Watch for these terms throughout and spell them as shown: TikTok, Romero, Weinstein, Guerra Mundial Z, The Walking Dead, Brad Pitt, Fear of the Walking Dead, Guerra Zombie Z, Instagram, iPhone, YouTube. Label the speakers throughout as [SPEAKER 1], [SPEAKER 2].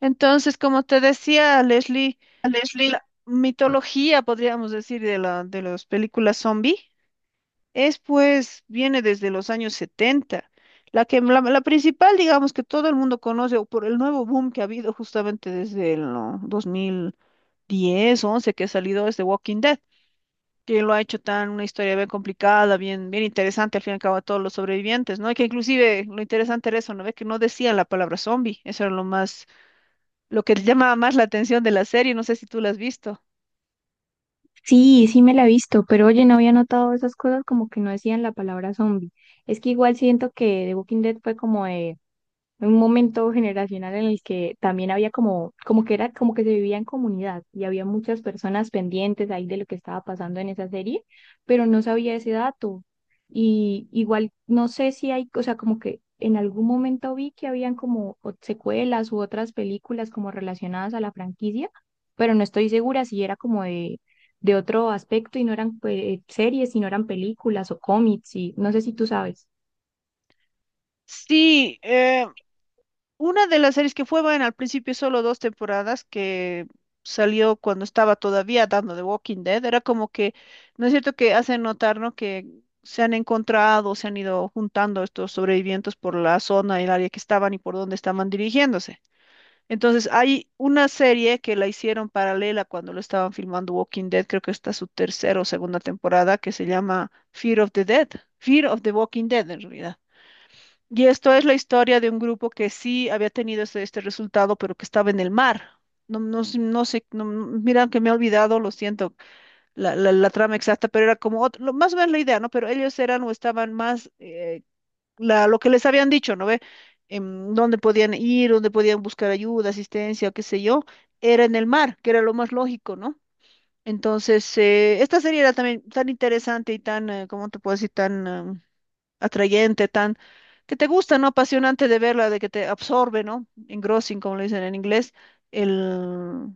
[SPEAKER 1] Entonces, como te decía, Leslie,
[SPEAKER 2] Leslie.
[SPEAKER 1] la mitología, podríamos decir, de las películas zombie, es pues, viene desde los años 70. La principal, digamos, que todo el mundo conoce, o por el nuevo boom que ha habido justamente desde el, ¿no?, 2010, 2011, que ha salido, es The Walking Dead, que lo ha hecho tan una historia bien complicada, bien interesante, al fin y al cabo, a todos los sobrevivientes, ¿no? Y que inclusive lo interesante era eso, ¿no? Ve que no decían la palabra zombie, eso era lo más, lo que llamaba más la atención de la serie. No sé si tú la has visto.
[SPEAKER 2] Sí, sí me la he visto, pero oye, no había notado esas cosas como que no decían la palabra zombie. Es que igual siento que The Walking Dead fue como de un momento generacional en el que también había como, como que era como que se vivía en comunidad y había muchas personas pendientes ahí de lo que estaba pasando en esa serie, pero no sabía ese dato. Y igual no sé si hay, o sea, como que en algún momento vi que habían como secuelas u otras películas como relacionadas a la franquicia, pero no estoy segura si era como de otro aspecto y no eran pues, series, sino eran películas o cómics y no sé si tú sabes.
[SPEAKER 1] Sí, una de las series que fue buena al principio, solo dos temporadas, que salió cuando estaba todavía dando The Walking Dead, era como que, ¿no es cierto que hacen notar, ¿no?, que se han encontrado, se han ido juntando estos sobrevivientes por la zona y el área que estaban y por dónde estaban dirigiéndose? Entonces, hay una serie que la hicieron paralela cuando lo estaban filmando Walking Dead, creo que está su tercera o segunda temporada, que se llama Fear of the Dead, Fear of the Walking Dead en realidad. Y esto es la historia de un grupo que sí había tenido este, este resultado, pero que estaba en el mar. No sé, mira que me he olvidado, lo siento, la trama exacta, pero era como otro, más o menos la idea, ¿no? Pero ellos eran o estaban más, lo que les habían dicho, ¿no ve? Dónde podían ir, dónde podían buscar ayuda, asistencia, qué sé yo, era en el mar, que era lo más lógico, ¿no? Entonces, esta serie era también tan interesante y tan, ¿cómo te puedo decir? Tan atrayente, tan, que te gusta, ¿no? Apasionante de verla, de que te absorbe, ¿no? Engrossing, como le dicen en inglés, el,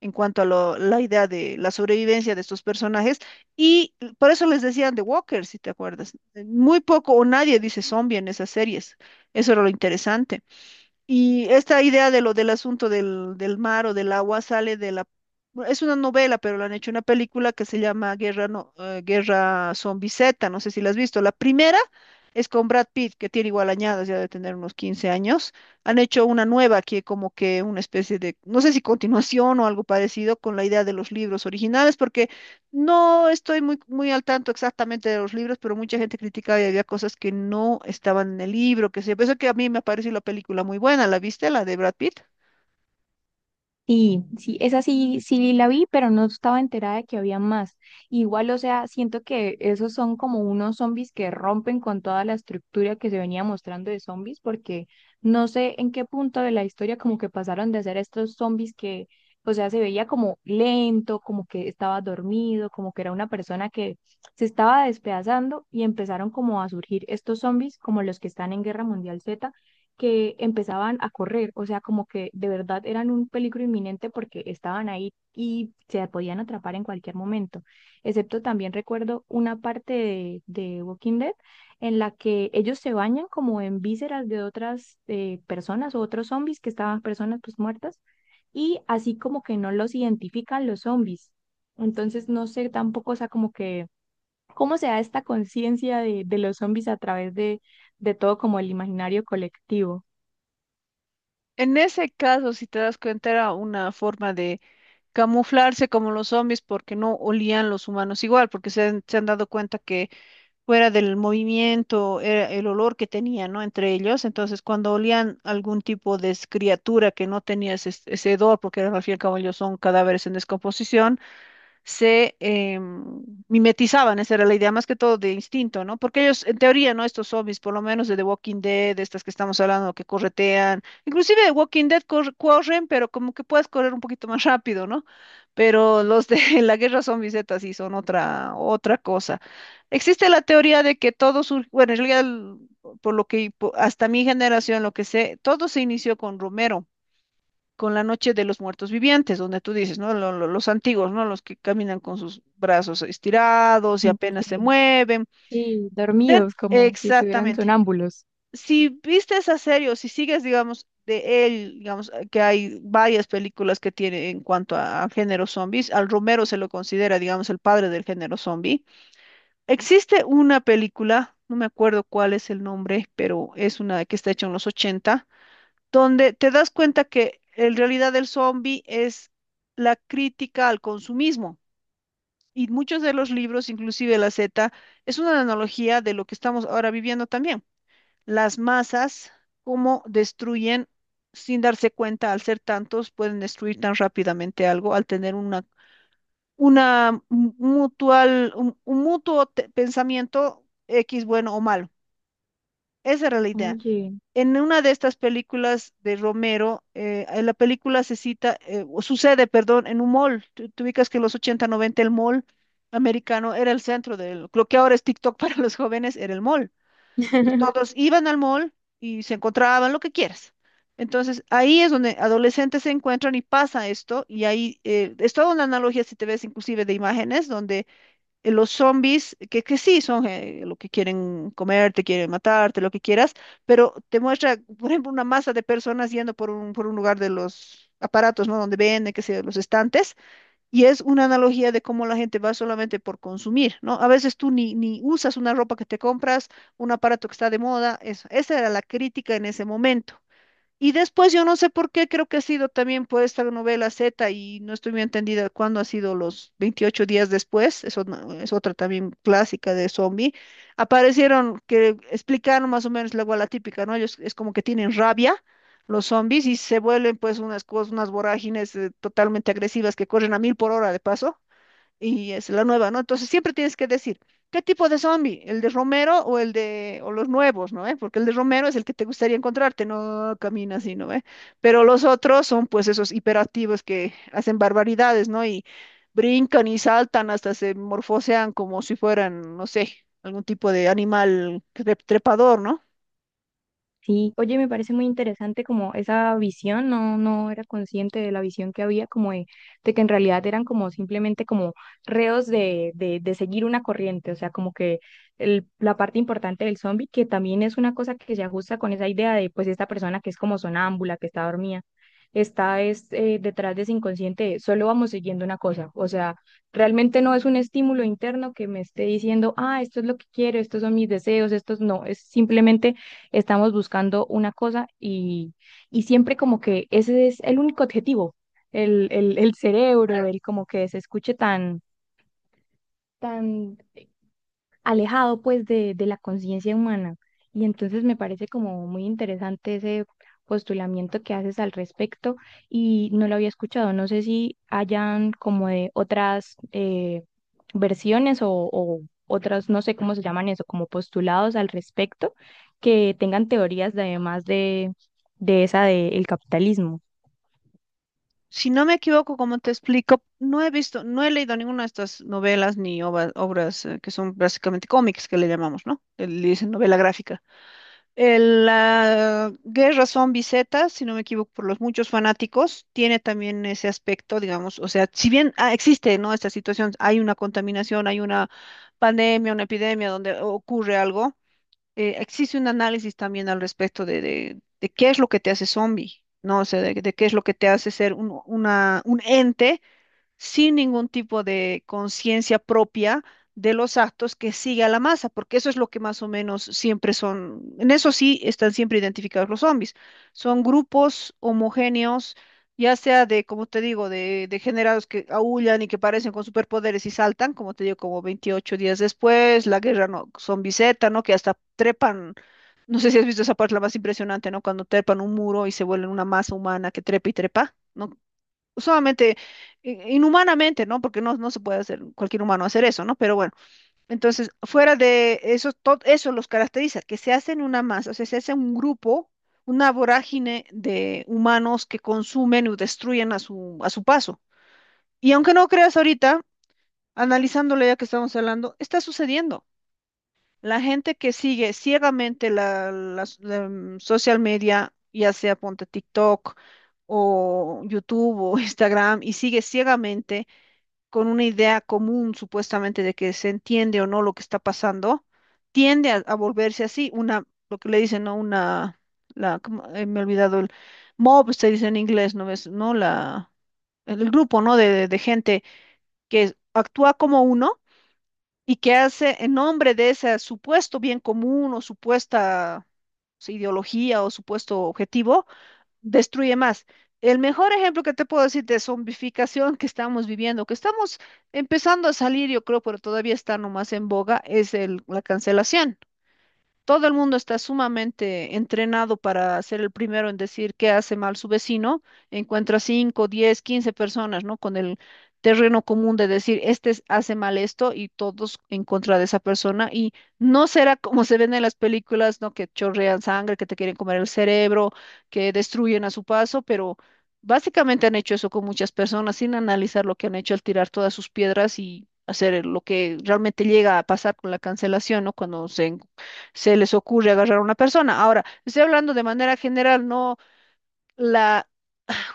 [SPEAKER 1] en cuanto a la idea de la sobrevivencia de estos personajes. Y por eso les decían The Walker, si te acuerdas. Muy poco o nadie dice zombie en esas series. Eso era lo interesante. Y esta idea de lo del asunto del, del mar o del agua sale de la, bueno, es una novela, pero la han hecho una película que se llama Guerra Zombie Z, no sé si la has visto. La primera es con Brad Pitt, que tiene igual añadas, ya de tener unos 15 años. Han hecho una nueva que como que una especie de, no sé si continuación o algo parecido con la idea de los libros originales, porque no estoy muy, muy al tanto exactamente de los libros, pero mucha gente criticaba y había cosas que no estaban en el libro, que sé yo. Por eso que a mí me pareció la película muy buena. ¿La viste? La de Brad Pitt.
[SPEAKER 2] Sí, sí, esa sí, sí la vi, pero no estaba enterada de que había más. Igual, o sea, siento que esos son como unos zombies que rompen con toda la estructura que se venía mostrando de zombies, porque no sé en qué punto de la historia como que pasaron de ser estos zombies que, o sea, se veía como lento, como que estaba dormido, como que era una persona que se estaba despedazando y empezaron como a surgir estos zombies como los que están en Guerra Mundial Z que empezaban a correr, o sea, como que de verdad eran un peligro inminente porque estaban ahí y se podían atrapar en cualquier momento. Excepto también recuerdo una parte de Walking Dead en la que ellos se bañan como en vísceras de otras personas o otros zombies que estaban personas pues muertas y así como que no los identifican los zombies. Entonces no sé tampoco, o sea, como que cómo se da esta conciencia de los zombies a través de todo como el imaginario colectivo.
[SPEAKER 1] En ese caso, si te das cuenta, era una forma de camuflarse como los zombies porque no olían los humanos igual, porque se han dado cuenta que fuera del movimiento era el olor que tenían, ¿no? Entre ellos, entonces cuando olían algún tipo de criatura que no tenía ese hedor, porque al fin y al cabo ellos son cadáveres en descomposición, se mimetizaban, esa era la idea, más que todo de instinto, ¿no? Porque ellos, en teoría, ¿no? Estos zombies, por lo menos de The Walking Dead, de estas que estamos hablando, que corretean, inclusive de Walking Dead corren, pero como que puedes correr un poquito más rápido, ¿no? Pero los de la guerra zombie Z sí son otra, otra cosa. Existe la teoría de que todo surgió, bueno, en realidad, por lo que hasta mi generación, lo que sé, todo se inició con Romero, con la noche de los muertos vivientes, donde tú dices, ¿no? Los antiguos, ¿no? Los que caminan con sus brazos estirados y
[SPEAKER 2] Mm,
[SPEAKER 1] apenas se
[SPEAKER 2] sí,
[SPEAKER 1] mueven.
[SPEAKER 2] sí, dormidos, como si estuvieran
[SPEAKER 1] Exactamente.
[SPEAKER 2] sonámbulos.
[SPEAKER 1] Si viste esa serie o si sigues, digamos, de él, digamos, que hay varias películas que tiene en cuanto a, género zombies, al Romero se lo considera, digamos, el padre del género zombie. Existe una película, no me acuerdo cuál es el nombre, pero es una que está hecha en los ochenta, donde te das cuenta que en realidad el zombie es la crítica al consumismo. Y muchos de los libros, inclusive la Z, es una analogía de lo que estamos ahora viviendo también. Las masas, cómo destruyen sin darse cuenta, al ser tantos, pueden destruir tan rápidamente algo, al tener una mutual, un mutuo pensamiento X bueno o malo. Esa era la idea.
[SPEAKER 2] Oye,
[SPEAKER 1] En una de estas películas de Romero, en la película se cita, o sucede, perdón, en un mall. Tú ubicas que en los ochenta, noventa, el mall americano era el centro del, lo que ahora es TikTok para los jóvenes, era el mall. Entonces, todos iban al mall y se encontraban lo que quieras. Entonces, ahí es donde adolescentes se encuentran y pasa esto, y ahí, es toda una analogía, si te ves inclusive de imágenes, donde, los zombies, que sí son, lo que quieren comerte, quieren matarte, lo que quieras, pero te muestra, por ejemplo, una masa de personas yendo por un, lugar de los aparatos, ¿no? Donde venden, qué sé yo, los estantes, y es una analogía de cómo la gente va solamente por consumir, ¿no? A veces tú ni usas una ropa que te compras, un aparato que está de moda, eso. Esa era la crítica en ese momento. Y después yo no sé por qué, creo que ha sido también por esta novela Z y no estoy muy entendida cuándo ha sido los 28 días después, eso, es otra también clásica de zombie, aparecieron que explicaron más o menos luego a la típica, ¿no? Ellos es como que tienen rabia los zombies y se vuelven pues unas cosas, unas vorágines, totalmente agresivas, que corren a mil por hora de paso, y es la nueva, ¿no? Entonces siempre tienes que decir, ¿qué tipo de zombie? ¿El de Romero o o los nuevos, ¿no?, eh? Porque el de Romero es el que te gustaría encontrarte, no camina así, ¿no?, eh? Pero los otros son pues esos hiperactivos que hacen barbaridades, ¿no? Y brincan y saltan hasta se morfosean como si fueran, no sé, algún tipo de animal trepador, ¿no?
[SPEAKER 2] sí, oye, me parece muy interesante como esa visión, no, no era consciente de la visión que había, como de que en realidad eran como simplemente como reos de seguir una corriente, o sea, como que la parte importante del zombie, que también es una cosa que se ajusta con esa idea de pues esta persona que es como sonámbula, que está dormida, está es, detrás de ese inconsciente, solo vamos siguiendo una cosa, o sea, realmente no es un estímulo interno que me esté diciendo, ah, esto es lo que quiero, estos son mis deseos, estos no, es simplemente estamos buscando una cosa y siempre como que ese es el único objetivo, el cerebro, el como que se escuche tan, tan alejado pues de la conciencia humana. Y entonces me parece como muy interesante ese postulamiento que haces al respecto y no lo había escuchado. No sé si hayan como de otras versiones o otras, no sé cómo se llaman eso, como postulados al respecto, que tengan teorías de, además de esa del capitalismo.
[SPEAKER 1] Si no me equivoco, como te explico, no he visto, no he leído ninguna de estas novelas ni obras, que son básicamente cómics que le llamamos, ¿no? Le dicen novela gráfica. El, la Guerra Zombie Z, si no me equivoco, por los muchos fanáticos, tiene también ese aspecto, digamos, o sea, si bien ah, existe, ¿no?, esta situación, hay una contaminación, hay una pandemia, una epidemia donde ocurre algo, existe un análisis también al respecto de qué es lo que te hace zombie, ¿no? O sea, de qué es lo que te hace ser un ente sin ningún tipo de conciencia propia de los actos, que sigue a la masa, porque eso es lo que más o menos siempre son, en eso sí están siempre identificados los zombies, son grupos homogéneos, ya sea de, como te digo, de degenerados que aúllan y que parecen con superpoderes y saltan, como te digo, como 28 días después, la guerra, no, zombie Z, ¿no?, que hasta trepan. No sé si has visto esa parte, la más impresionante, ¿no? Cuando trepan un muro y se vuelven una masa humana que trepa y trepa, ¿no?, solamente, inhumanamente, ¿no? Porque no, no se puede hacer cualquier humano hacer eso, ¿no? Pero bueno, entonces, fuera de eso, todo eso los caracteriza, que se hacen una masa, o sea, se hace un grupo, una vorágine de humanos que consumen o destruyen a a su paso. Y aunque no creas, ahorita, analizándolo ya que estamos hablando, está sucediendo. La gente que sigue ciegamente la, las social media, ya sea ponte TikTok o YouTube o Instagram, y sigue ciegamente con una idea común supuestamente de que se entiende o no lo que está pasando, tiende a volverse así, una, lo que le dicen, ¿no? Una, la, ¿cómo? Me he olvidado el mob, se dice en inglés, ¿no ves? ¿No? El grupo, ¿no?, de gente que actúa como uno y que hace en nombre de ese supuesto bien común o supuesta, sí, ideología o supuesto objetivo, destruye más. El mejor ejemplo que te puedo decir de zombificación que estamos viviendo, que estamos empezando a salir, yo creo, pero todavía está nomás en boga, es la cancelación. Todo el mundo está sumamente entrenado para ser el primero en decir qué hace mal su vecino. Encuentra 5, 10, 15 personas, ¿no?, con el terreno común de decir, este hace mal esto, y todos en contra de esa persona. Y no será como se ven en las películas, ¿no? Que chorrean sangre, que te quieren comer el cerebro, que destruyen a su paso, pero básicamente han hecho eso con muchas personas sin analizar lo que han hecho al tirar todas sus piedras y hacer lo que realmente llega a pasar con la cancelación, ¿no? Cuando se les ocurre agarrar a una persona. Ahora, estoy hablando de manera general, no la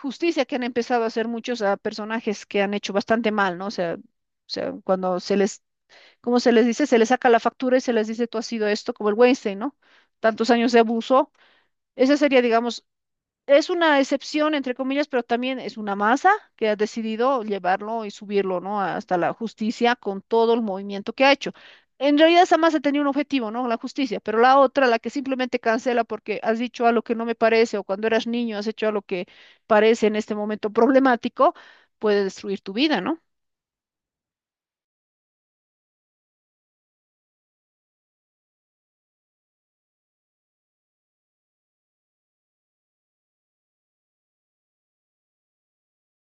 [SPEAKER 1] justicia que han empezado a hacer muchos a personajes que han hecho bastante mal, ¿no? O sea, cuando se les, ¿cómo se les dice?, se les saca la factura y se les dice, tú has sido esto, como el Weinstein, ¿no? Tantos años de abuso. Esa sería, digamos, es una excepción, entre comillas, pero también es una masa que ha decidido llevarlo y subirlo, ¿no?, hasta la justicia, con todo el movimiento que ha hecho. En realidad esa masa tenía un objetivo, ¿no? La justicia. Pero la otra, la que simplemente cancela porque has dicho algo que no me parece o cuando eras niño has hecho algo que parece en este momento problemático, puede destruir tu vida, ¿no?